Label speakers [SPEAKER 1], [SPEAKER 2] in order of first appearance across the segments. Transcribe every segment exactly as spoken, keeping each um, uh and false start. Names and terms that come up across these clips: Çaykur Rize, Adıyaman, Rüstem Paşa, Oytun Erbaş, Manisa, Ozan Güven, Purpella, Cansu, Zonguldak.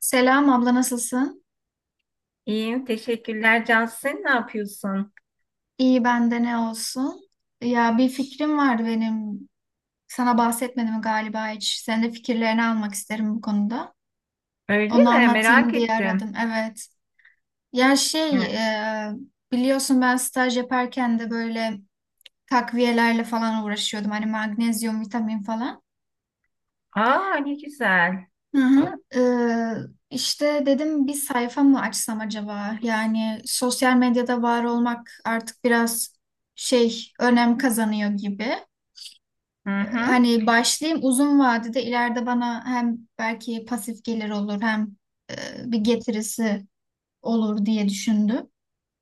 [SPEAKER 1] Selam abla nasılsın?
[SPEAKER 2] İyiyim, teşekkürler Cansin. Ne yapıyorsun?
[SPEAKER 1] İyi bende ne olsun? Ya bir fikrim vardı benim. Sana bahsetmedim galiba hiç. Senin de fikirlerini almak isterim bu konuda.
[SPEAKER 2] Öyle
[SPEAKER 1] Onu
[SPEAKER 2] mi?
[SPEAKER 1] anlatayım
[SPEAKER 2] Merak
[SPEAKER 1] diye
[SPEAKER 2] ettim.
[SPEAKER 1] aradım. Evet. Ya şey
[SPEAKER 2] Evet.
[SPEAKER 1] e, biliyorsun ben staj yaparken de böyle takviyelerle falan uğraşıyordum. Hani magnezyum, vitamin falan.
[SPEAKER 2] Aa, ne güzel.
[SPEAKER 1] Hı hı. Ee, işte dedim bir sayfa mı açsam acaba? Yani sosyal medyada var olmak artık biraz şey önem kazanıyor gibi.
[SPEAKER 2] Hı hı.
[SPEAKER 1] Hani başlayayım, uzun vadede ileride bana hem belki pasif gelir olur hem e, bir getirisi olur diye düşündüm.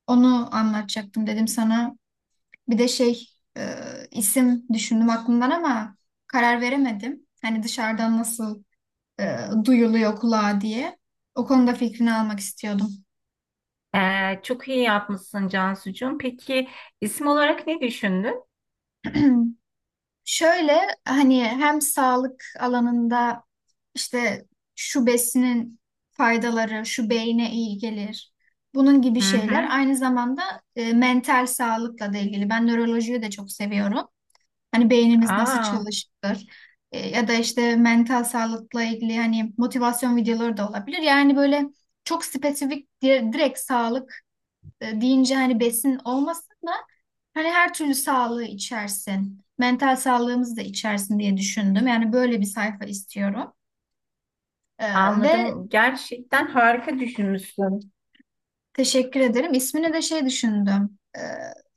[SPEAKER 1] Onu anlatacaktım dedim sana. Bir de şey e, isim düşündüm aklımdan ama karar veremedim. Hani dışarıdan nasıl e, duyuluyor kulağa diye. O konuda fikrini almak istiyordum.
[SPEAKER 2] Ee, çok iyi yapmışsın Cansucuğum. Peki isim olarak ne düşündün?
[SPEAKER 1] Şöyle, hani hem sağlık alanında işte şu besinin faydaları, şu beyne iyi gelir. Bunun gibi
[SPEAKER 2] Hı
[SPEAKER 1] şeyler,
[SPEAKER 2] hı.
[SPEAKER 1] aynı zamanda e, mental sağlıkla da ilgili. Ben nörolojiyi de çok seviyorum. Hani beynimiz nasıl
[SPEAKER 2] Aa,
[SPEAKER 1] çalışır. E, ya da işte mental sağlıkla ilgili hani motivasyon videoları da olabilir. Yani böyle çok spesifik dire- direkt sağlık e, deyince, hani besin olmasın da hani her türlü sağlığı içersin. Mental sağlığımızı da içersin diye düşündüm. Yani böyle bir sayfa istiyorum. E, Ve
[SPEAKER 2] anladım. Gerçekten harika düşünmüşsün.
[SPEAKER 1] teşekkür ederim. İsmine de şey düşündüm. E,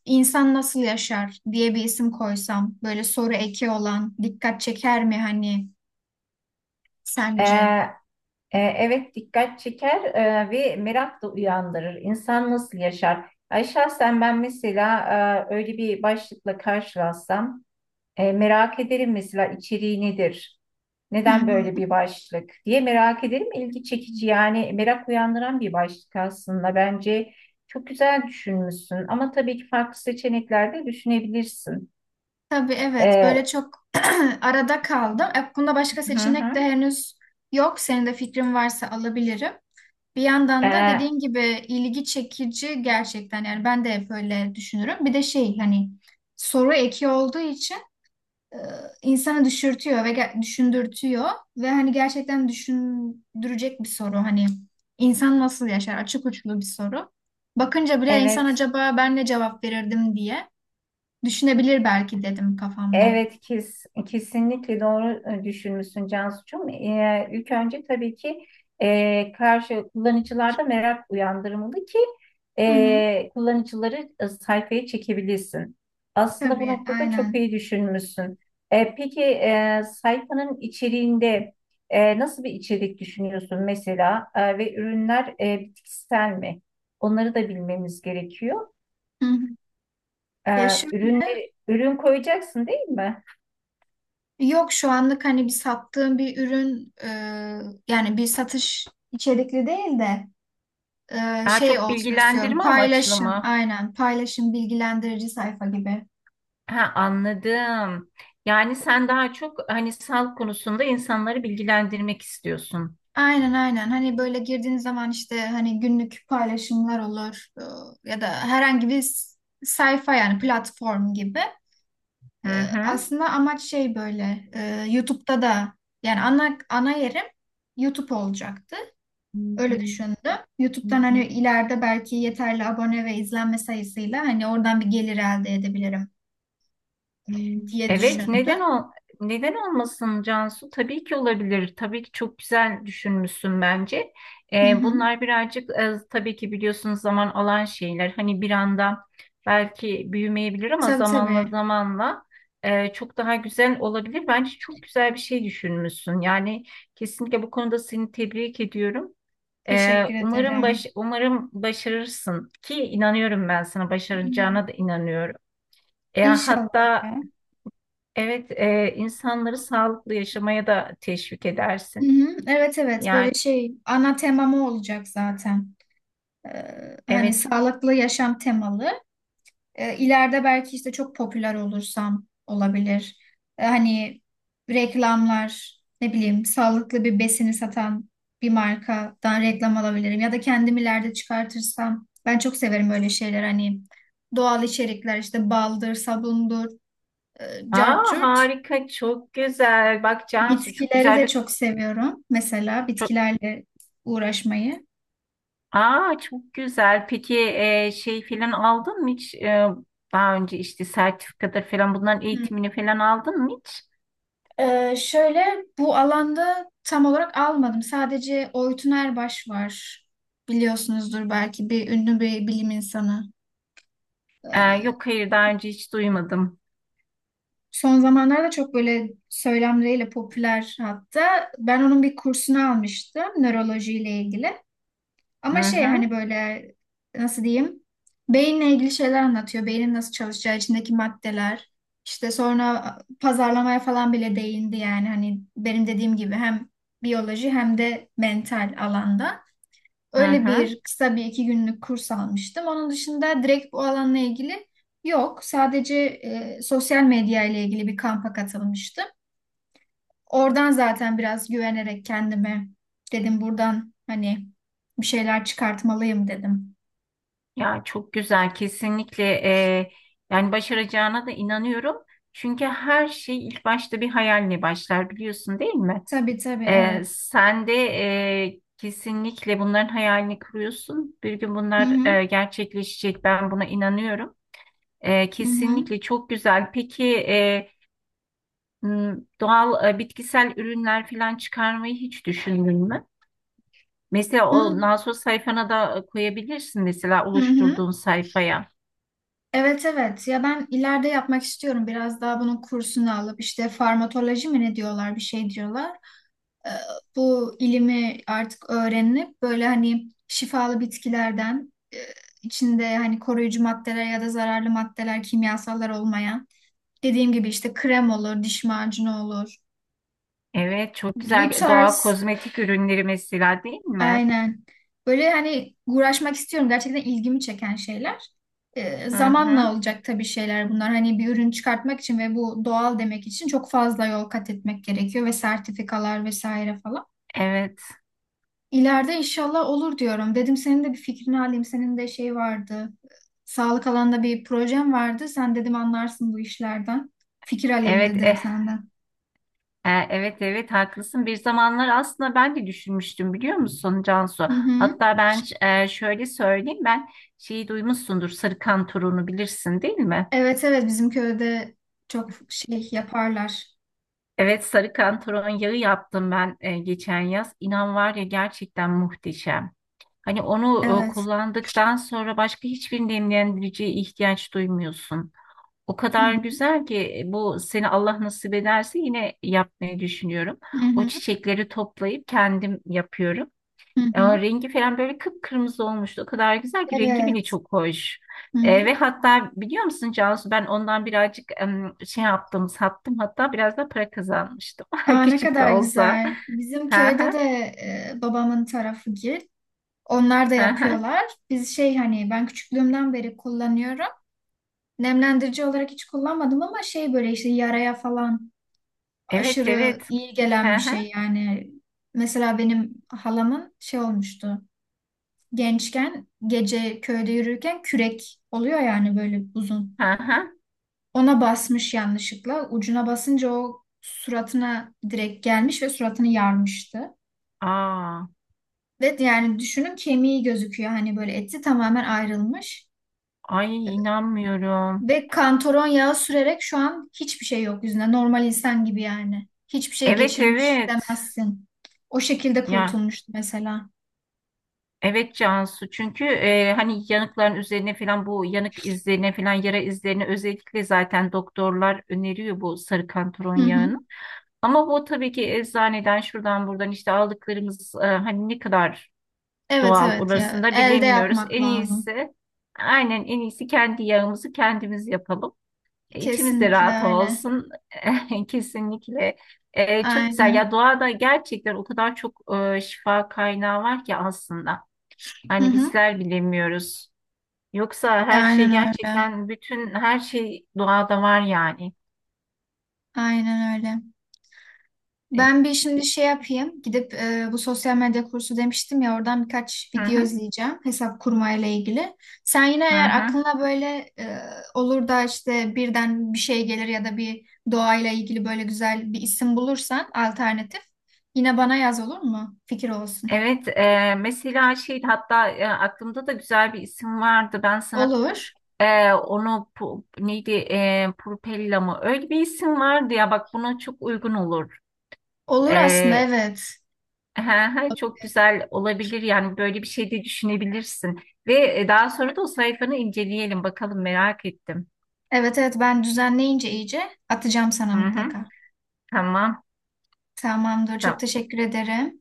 [SPEAKER 1] İnsan nasıl yaşar diye bir isim koysam. Böyle soru eki olan dikkat çeker mi hani sence?
[SPEAKER 2] Ee, e, evet, dikkat çeker, e, ve merak da uyandırır. İnsan nasıl yaşar? Ay şahsen ben mesela e, öyle bir başlıkla karşılaşsam. E, merak ederim, mesela içeriği nedir?
[SPEAKER 1] Hı
[SPEAKER 2] Neden böyle
[SPEAKER 1] hı.
[SPEAKER 2] bir başlık diye merak ederim. İlgi çekici, yani merak uyandıran bir başlık aslında. Bence çok güzel düşünmüşsün, ama tabii ki farklı seçenekler de düşünebilirsin.
[SPEAKER 1] Tabii, evet, böyle
[SPEAKER 2] E,
[SPEAKER 1] çok arada kaldım. E, Bunda başka
[SPEAKER 2] hı
[SPEAKER 1] seçenek de
[SPEAKER 2] hı.
[SPEAKER 1] henüz yok. Senin de fikrin varsa alabilirim. Bir yandan da
[SPEAKER 2] E,
[SPEAKER 1] dediğin gibi ilgi çekici gerçekten, yani ben de hep öyle düşünürüm. Bir de şey, hani soru eki olduğu için e, insanı düşürtüyor ve ge- düşündürtüyor ve hani gerçekten düşündürecek bir soru, hani insan nasıl yaşar açık uçlu bir soru. Bakınca bile insan
[SPEAKER 2] evet.
[SPEAKER 1] acaba ben ne cevap verirdim diye düşünebilir belki, dedim kafamda.
[SPEAKER 2] Evet, kes, kesinlikle doğru e, düşünmüşsün Cansu'cum. Ee, ilk önce tabii ki e, karşı kullanıcılarda merak uyandırmalı ki
[SPEAKER 1] Hı hı,
[SPEAKER 2] e, kullanıcıları e, sayfaya çekebilirsin. Aslında bu
[SPEAKER 1] tabii,
[SPEAKER 2] noktada çok
[SPEAKER 1] aynen.
[SPEAKER 2] iyi düşünmüşsün. E, peki, e, sayfanın içeriğinde e, nasıl bir içerik düşünüyorsun mesela? E, ve ürünler e, bitkisel mi? Onları da bilmemiz gerekiyor.
[SPEAKER 1] Hı hı.
[SPEAKER 2] E,
[SPEAKER 1] Ya şöyle,
[SPEAKER 2] Ürünleri, ürün koyacaksın değil mi?
[SPEAKER 1] yok şu anlık hani bir sattığım bir ürün e, yani bir satış içerikli değil de e,
[SPEAKER 2] Daha
[SPEAKER 1] şey
[SPEAKER 2] çok
[SPEAKER 1] olsun istiyorum.
[SPEAKER 2] bilgilendirme amaçlı
[SPEAKER 1] Paylaşım,
[SPEAKER 2] mı?
[SPEAKER 1] aynen, paylaşım bilgilendirici sayfa gibi.
[SPEAKER 2] Ha, anladım. Yani sen daha çok hani sağlık konusunda insanları bilgilendirmek istiyorsun.
[SPEAKER 1] Aynen aynen, hani böyle girdiğiniz zaman işte hani günlük paylaşımlar olur e, ya da herhangi bir s- sayfa, yani platform gibi. E,
[SPEAKER 2] Hı
[SPEAKER 1] Aslında amaç şey böyle, e, YouTube'da da yani ana ana yerim YouTube olacaktı. Öyle düşündüm. YouTube'dan hani
[SPEAKER 2] hı.
[SPEAKER 1] ileride belki yeterli abone ve izlenme sayısıyla hani oradan bir gelir elde edebilirim
[SPEAKER 2] Hmm.
[SPEAKER 1] diye
[SPEAKER 2] Evet,
[SPEAKER 1] düşündüm.
[SPEAKER 2] neden ol neden olmasın Cansu? Tabii ki olabilir. Tabii ki çok güzel düşünmüşsün bence.
[SPEAKER 1] Hı
[SPEAKER 2] Ee,
[SPEAKER 1] hı.
[SPEAKER 2] bunlar birazcık, e, tabii ki biliyorsunuz, zaman alan şeyler. Hani bir anda belki büyümeyebilir, ama
[SPEAKER 1] Tabii
[SPEAKER 2] zamanla
[SPEAKER 1] tabii.
[SPEAKER 2] zamanla e, çok daha güzel olabilir. Bence çok güzel bir şey düşünmüşsün. Yani kesinlikle bu konuda seni tebrik ediyorum. Ee,
[SPEAKER 1] Teşekkür
[SPEAKER 2] umarım baş
[SPEAKER 1] ederim.
[SPEAKER 2] umarım başarırsın ki inanıyorum, ben sana
[SPEAKER 1] Hı.
[SPEAKER 2] başaracağına da inanıyorum. E,
[SPEAKER 1] İnşallah
[SPEAKER 2] hatta
[SPEAKER 1] ya.
[SPEAKER 2] evet, e, insanları sağlıklı yaşamaya da teşvik
[SPEAKER 1] Hı
[SPEAKER 2] edersin.
[SPEAKER 1] hı. Evet evet, böyle
[SPEAKER 2] Yani
[SPEAKER 1] şey ana temamı olacak zaten. Ee, hani
[SPEAKER 2] evet.
[SPEAKER 1] sağlıklı yaşam temalı. E, ileride belki işte çok popüler olursam olabilir. E, hani reklamlar, ne bileyim, sağlıklı bir besini satan bir markadan reklam alabilirim. Ya da kendim ileride çıkartırsam. Ben çok severim öyle şeyler, hani doğal içerikler işte, baldır, sabundur, e, cart
[SPEAKER 2] Aa,
[SPEAKER 1] curt.
[SPEAKER 2] harika, çok güzel. Bak Cansu çok
[SPEAKER 1] Bitkileri
[SPEAKER 2] güzel
[SPEAKER 1] de
[SPEAKER 2] bir
[SPEAKER 1] çok seviyorum. Mesela
[SPEAKER 2] çok
[SPEAKER 1] bitkilerle uğraşmayı.
[SPEAKER 2] Aa, çok güzel. Peki, e, şey falan aldın mı hiç? E, daha önce işte sertifikada falan bunların
[SPEAKER 1] Hı.
[SPEAKER 2] eğitimini falan aldın mı hiç?
[SPEAKER 1] Ee, şöyle, bu alanda tam olarak almadım. Sadece Oytun Erbaş var. Biliyorsunuzdur belki, bir ünlü bir bilim insanı.
[SPEAKER 2] E,
[SPEAKER 1] Ee,
[SPEAKER 2] yok, hayır, daha önce hiç duymadım.
[SPEAKER 1] Son zamanlarda çok böyle söylemleriyle popüler hatta. Ben onun bir kursunu almıştım nörolojiyle ilgili. Ama
[SPEAKER 2] Hı
[SPEAKER 1] şey,
[SPEAKER 2] hı.
[SPEAKER 1] hani böyle nasıl diyeyim? Beyinle ilgili şeyler anlatıyor. Beynin nasıl çalışacağı, içindeki maddeler. İşte sonra pazarlamaya falan bile değindi, yani hani benim dediğim gibi hem biyoloji hem de mental alanda.
[SPEAKER 2] Hı
[SPEAKER 1] Öyle
[SPEAKER 2] hı.
[SPEAKER 1] bir kısa bir iki günlük kurs almıştım. Onun dışında direkt bu alanla ilgili yok. Sadece e, sosyal medya ile ilgili bir kampa katılmıştım. Oradan zaten biraz güvenerek kendime dedim, buradan hani bir şeyler çıkartmalıyım dedim.
[SPEAKER 2] Ya çok güzel kesinlikle, eee, yani başaracağına da inanıyorum. Çünkü her şey ilk başta bir hayalle başlar, biliyorsun değil mi?
[SPEAKER 1] Tabii tabii,
[SPEAKER 2] Eee,
[SPEAKER 1] evet.
[SPEAKER 2] sen de eee, kesinlikle bunların hayalini kuruyorsun. Bir gün
[SPEAKER 1] Hı
[SPEAKER 2] bunlar
[SPEAKER 1] hı.
[SPEAKER 2] eee, gerçekleşecek, ben buna inanıyorum. Eee,
[SPEAKER 1] Hı hı.
[SPEAKER 2] kesinlikle çok güzel. Peki, eee, m, doğal, eee, bitkisel ürünler falan çıkarmayı hiç düşündün mü? Mesela o
[SPEAKER 1] Onun.
[SPEAKER 2] nasos sayfana da e, koyabilirsin, mesela
[SPEAKER 1] Hı hı.
[SPEAKER 2] oluşturduğun sayfaya.
[SPEAKER 1] Evet evet ya, ben ileride yapmak istiyorum biraz daha bunun kursunu alıp, işte farmakoloji mi ne diyorlar, bir şey diyorlar. Ee, Bu ilimi artık öğrenip böyle hani şifalı bitkilerden, e, içinde hani koruyucu maddeler ya da zararlı maddeler, kimyasallar olmayan, dediğim gibi işte krem olur, diş macunu olur,
[SPEAKER 2] Evet, çok
[SPEAKER 1] bu
[SPEAKER 2] güzel, doğal
[SPEAKER 1] tarz.
[SPEAKER 2] kozmetik ürünleri mesela değil mi?
[SPEAKER 1] Aynen. Böyle hani uğraşmak istiyorum. Gerçekten ilgimi çeken şeyler. Ee,
[SPEAKER 2] Hı
[SPEAKER 1] zamanla
[SPEAKER 2] hı.
[SPEAKER 1] olacak tabii şeyler bunlar. Hani bir ürün çıkartmak için ve bu doğal demek için çok fazla yol kat etmek gerekiyor ve sertifikalar vesaire falan.
[SPEAKER 2] Evet.
[SPEAKER 1] İleride inşallah olur diyorum. Dedim senin de bir fikrini alayım. Senin de şey vardı. Sağlık alanında bir projem vardı. Sen dedim anlarsın bu işlerden. Fikir alayım
[SPEAKER 2] Evet.
[SPEAKER 1] dedim
[SPEAKER 2] E,
[SPEAKER 1] senden.
[SPEAKER 2] E, Evet, evet, haklısın. Bir zamanlar aslında ben de düşünmüştüm, biliyor musun Cansu?
[SPEAKER 1] Hı hı.
[SPEAKER 2] Hatta ben, e, şöyle söyleyeyim, ben şeyi duymuşsundur, sarı turunu bilirsin değil mi?
[SPEAKER 1] Evet evet, bizim köyde çok şey yaparlar.
[SPEAKER 2] Evet, sarı turun yağı yaptım ben e, geçen yaz. İnan var ya, gerçekten muhteşem. Hani onu e,
[SPEAKER 1] Evet.
[SPEAKER 2] kullandıktan sonra başka hiçbir nemlendiriciye ihtiyaç duymuyorsun. O
[SPEAKER 1] Hı
[SPEAKER 2] kadar
[SPEAKER 1] hı.
[SPEAKER 2] güzel ki, e, bu seni, Allah nasip ederse, yine yapmayı düşünüyorum.
[SPEAKER 1] Hı
[SPEAKER 2] O
[SPEAKER 1] hı.
[SPEAKER 2] çiçekleri toplayıp kendim yapıyorum.
[SPEAKER 1] Hı
[SPEAKER 2] Ya
[SPEAKER 1] hı.
[SPEAKER 2] rengi falan böyle kıpkırmızı olmuştu. O kadar güzel ki rengi bile
[SPEAKER 1] Evet.
[SPEAKER 2] çok hoş.
[SPEAKER 1] Hı
[SPEAKER 2] E,
[SPEAKER 1] hı.
[SPEAKER 2] ve hatta biliyor musun Cansu, ben ondan birazcık, em, şey yaptım, sattım, hatta biraz da para kazanmıştım.
[SPEAKER 1] Aa, ne
[SPEAKER 2] Küçük de
[SPEAKER 1] kadar
[SPEAKER 2] olsa.
[SPEAKER 1] güzel. Bizim
[SPEAKER 2] Hı
[SPEAKER 1] köyde de
[SPEAKER 2] hı,
[SPEAKER 1] e, babamın tarafı gil. Onlar da
[SPEAKER 2] hı hı.
[SPEAKER 1] yapıyorlar. Biz şey hani ben küçüklüğümden beri kullanıyorum. Nemlendirici olarak hiç kullanmadım ama şey böyle işte yaraya falan
[SPEAKER 2] Evet
[SPEAKER 1] aşırı
[SPEAKER 2] evet.
[SPEAKER 1] iyi gelen
[SPEAKER 2] Hı
[SPEAKER 1] bir
[SPEAKER 2] hı,
[SPEAKER 1] şey yani. Mesela benim halamın şey olmuştu. Gençken gece köyde yürürken kürek oluyor yani böyle uzun.
[SPEAKER 2] hı hı.
[SPEAKER 1] Ona basmış yanlışlıkla. Ucuna basınca o suratına direkt gelmiş ve suratını yarmıştı.
[SPEAKER 2] Aa,
[SPEAKER 1] Ve yani düşünün, kemiği gözüküyor. Hani böyle eti tamamen ayrılmış.
[SPEAKER 2] ay inanmıyorum.
[SPEAKER 1] Ve kantaron yağı sürerek şu an hiçbir şey yok yüzünde. Normal insan gibi yani. Hiçbir şey
[SPEAKER 2] Evet
[SPEAKER 1] geçirmiş
[SPEAKER 2] evet.
[SPEAKER 1] demezsin. O şekilde
[SPEAKER 2] Ya,
[SPEAKER 1] kurtulmuştu mesela.
[SPEAKER 2] evet Cansu, çünkü e, hani yanıkların üzerine falan, bu yanık izlerine falan, yara izlerine özellikle zaten doktorlar öneriyor bu sarı kantaron
[SPEAKER 1] Hı hı.
[SPEAKER 2] yağını. Ama bu tabii ki eczaneden, şuradan buradan işte aldıklarımız, e, hani ne kadar
[SPEAKER 1] Evet
[SPEAKER 2] doğal
[SPEAKER 1] evet ya.
[SPEAKER 2] orasını da
[SPEAKER 1] Elde
[SPEAKER 2] bilemiyoruz.
[SPEAKER 1] yapmak
[SPEAKER 2] En
[SPEAKER 1] lazım.
[SPEAKER 2] iyisi, aynen, en iyisi kendi yağımızı kendimiz yapalım. E, İçimiz de
[SPEAKER 1] Kesinlikle
[SPEAKER 2] rahat
[SPEAKER 1] öyle.
[SPEAKER 2] olsun. Kesinlikle. E, çok güzel ya,
[SPEAKER 1] Aynen.
[SPEAKER 2] doğada gerçekten o kadar çok e, şifa kaynağı var ki aslında.
[SPEAKER 1] Hı
[SPEAKER 2] Hani
[SPEAKER 1] hı.
[SPEAKER 2] bizler bilemiyoruz. Yoksa her
[SPEAKER 1] Aynen
[SPEAKER 2] şey,
[SPEAKER 1] öyle.
[SPEAKER 2] gerçekten bütün her şey doğada var yani.
[SPEAKER 1] Aynen öyle.
[SPEAKER 2] E,
[SPEAKER 1] Ben bir şimdi şey yapayım. Gidip e, bu sosyal medya kursu demiştim ya, oradan birkaç
[SPEAKER 2] Hı
[SPEAKER 1] video
[SPEAKER 2] hı,
[SPEAKER 1] izleyeceğim hesap kurmayla ilgili. Sen yine
[SPEAKER 2] hı
[SPEAKER 1] eğer
[SPEAKER 2] hı.
[SPEAKER 1] aklına böyle e, olur da işte birden bir şey gelir ya da bir doğayla ilgili böyle güzel bir isim bulursan alternatif, yine bana yaz olur mu? Fikir olsun.
[SPEAKER 2] Evet, e, mesela şey, hatta e, aklımda da güzel bir isim vardı. Ben sana
[SPEAKER 1] Olur.
[SPEAKER 2] e, onu pu- neydi, e, Purpella mı? Öyle bir isim vardı ya, bak buna çok uygun olur.
[SPEAKER 1] Olur aslında,
[SPEAKER 2] E,
[SPEAKER 1] evet.
[SPEAKER 2] he, he, çok güzel olabilir yani, böyle bir şey de düşünebilirsin. Ve e, daha sonra da o sayfanı inceleyelim bakalım, merak ettim.
[SPEAKER 1] Evet evet, ben düzenleyince iyice atacağım sana
[SPEAKER 2] Hı hı,
[SPEAKER 1] mutlaka.
[SPEAKER 2] tamam.
[SPEAKER 1] Tamamdır. Çok
[SPEAKER 2] Tamam.
[SPEAKER 1] teşekkür ederim.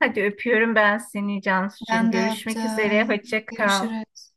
[SPEAKER 2] Hadi öpüyorum ben seni Cansucuğum.
[SPEAKER 1] Ben de
[SPEAKER 2] Görüşmek üzere.
[SPEAKER 1] öptüm.
[SPEAKER 2] Hoşça kal.
[SPEAKER 1] Görüşürüz.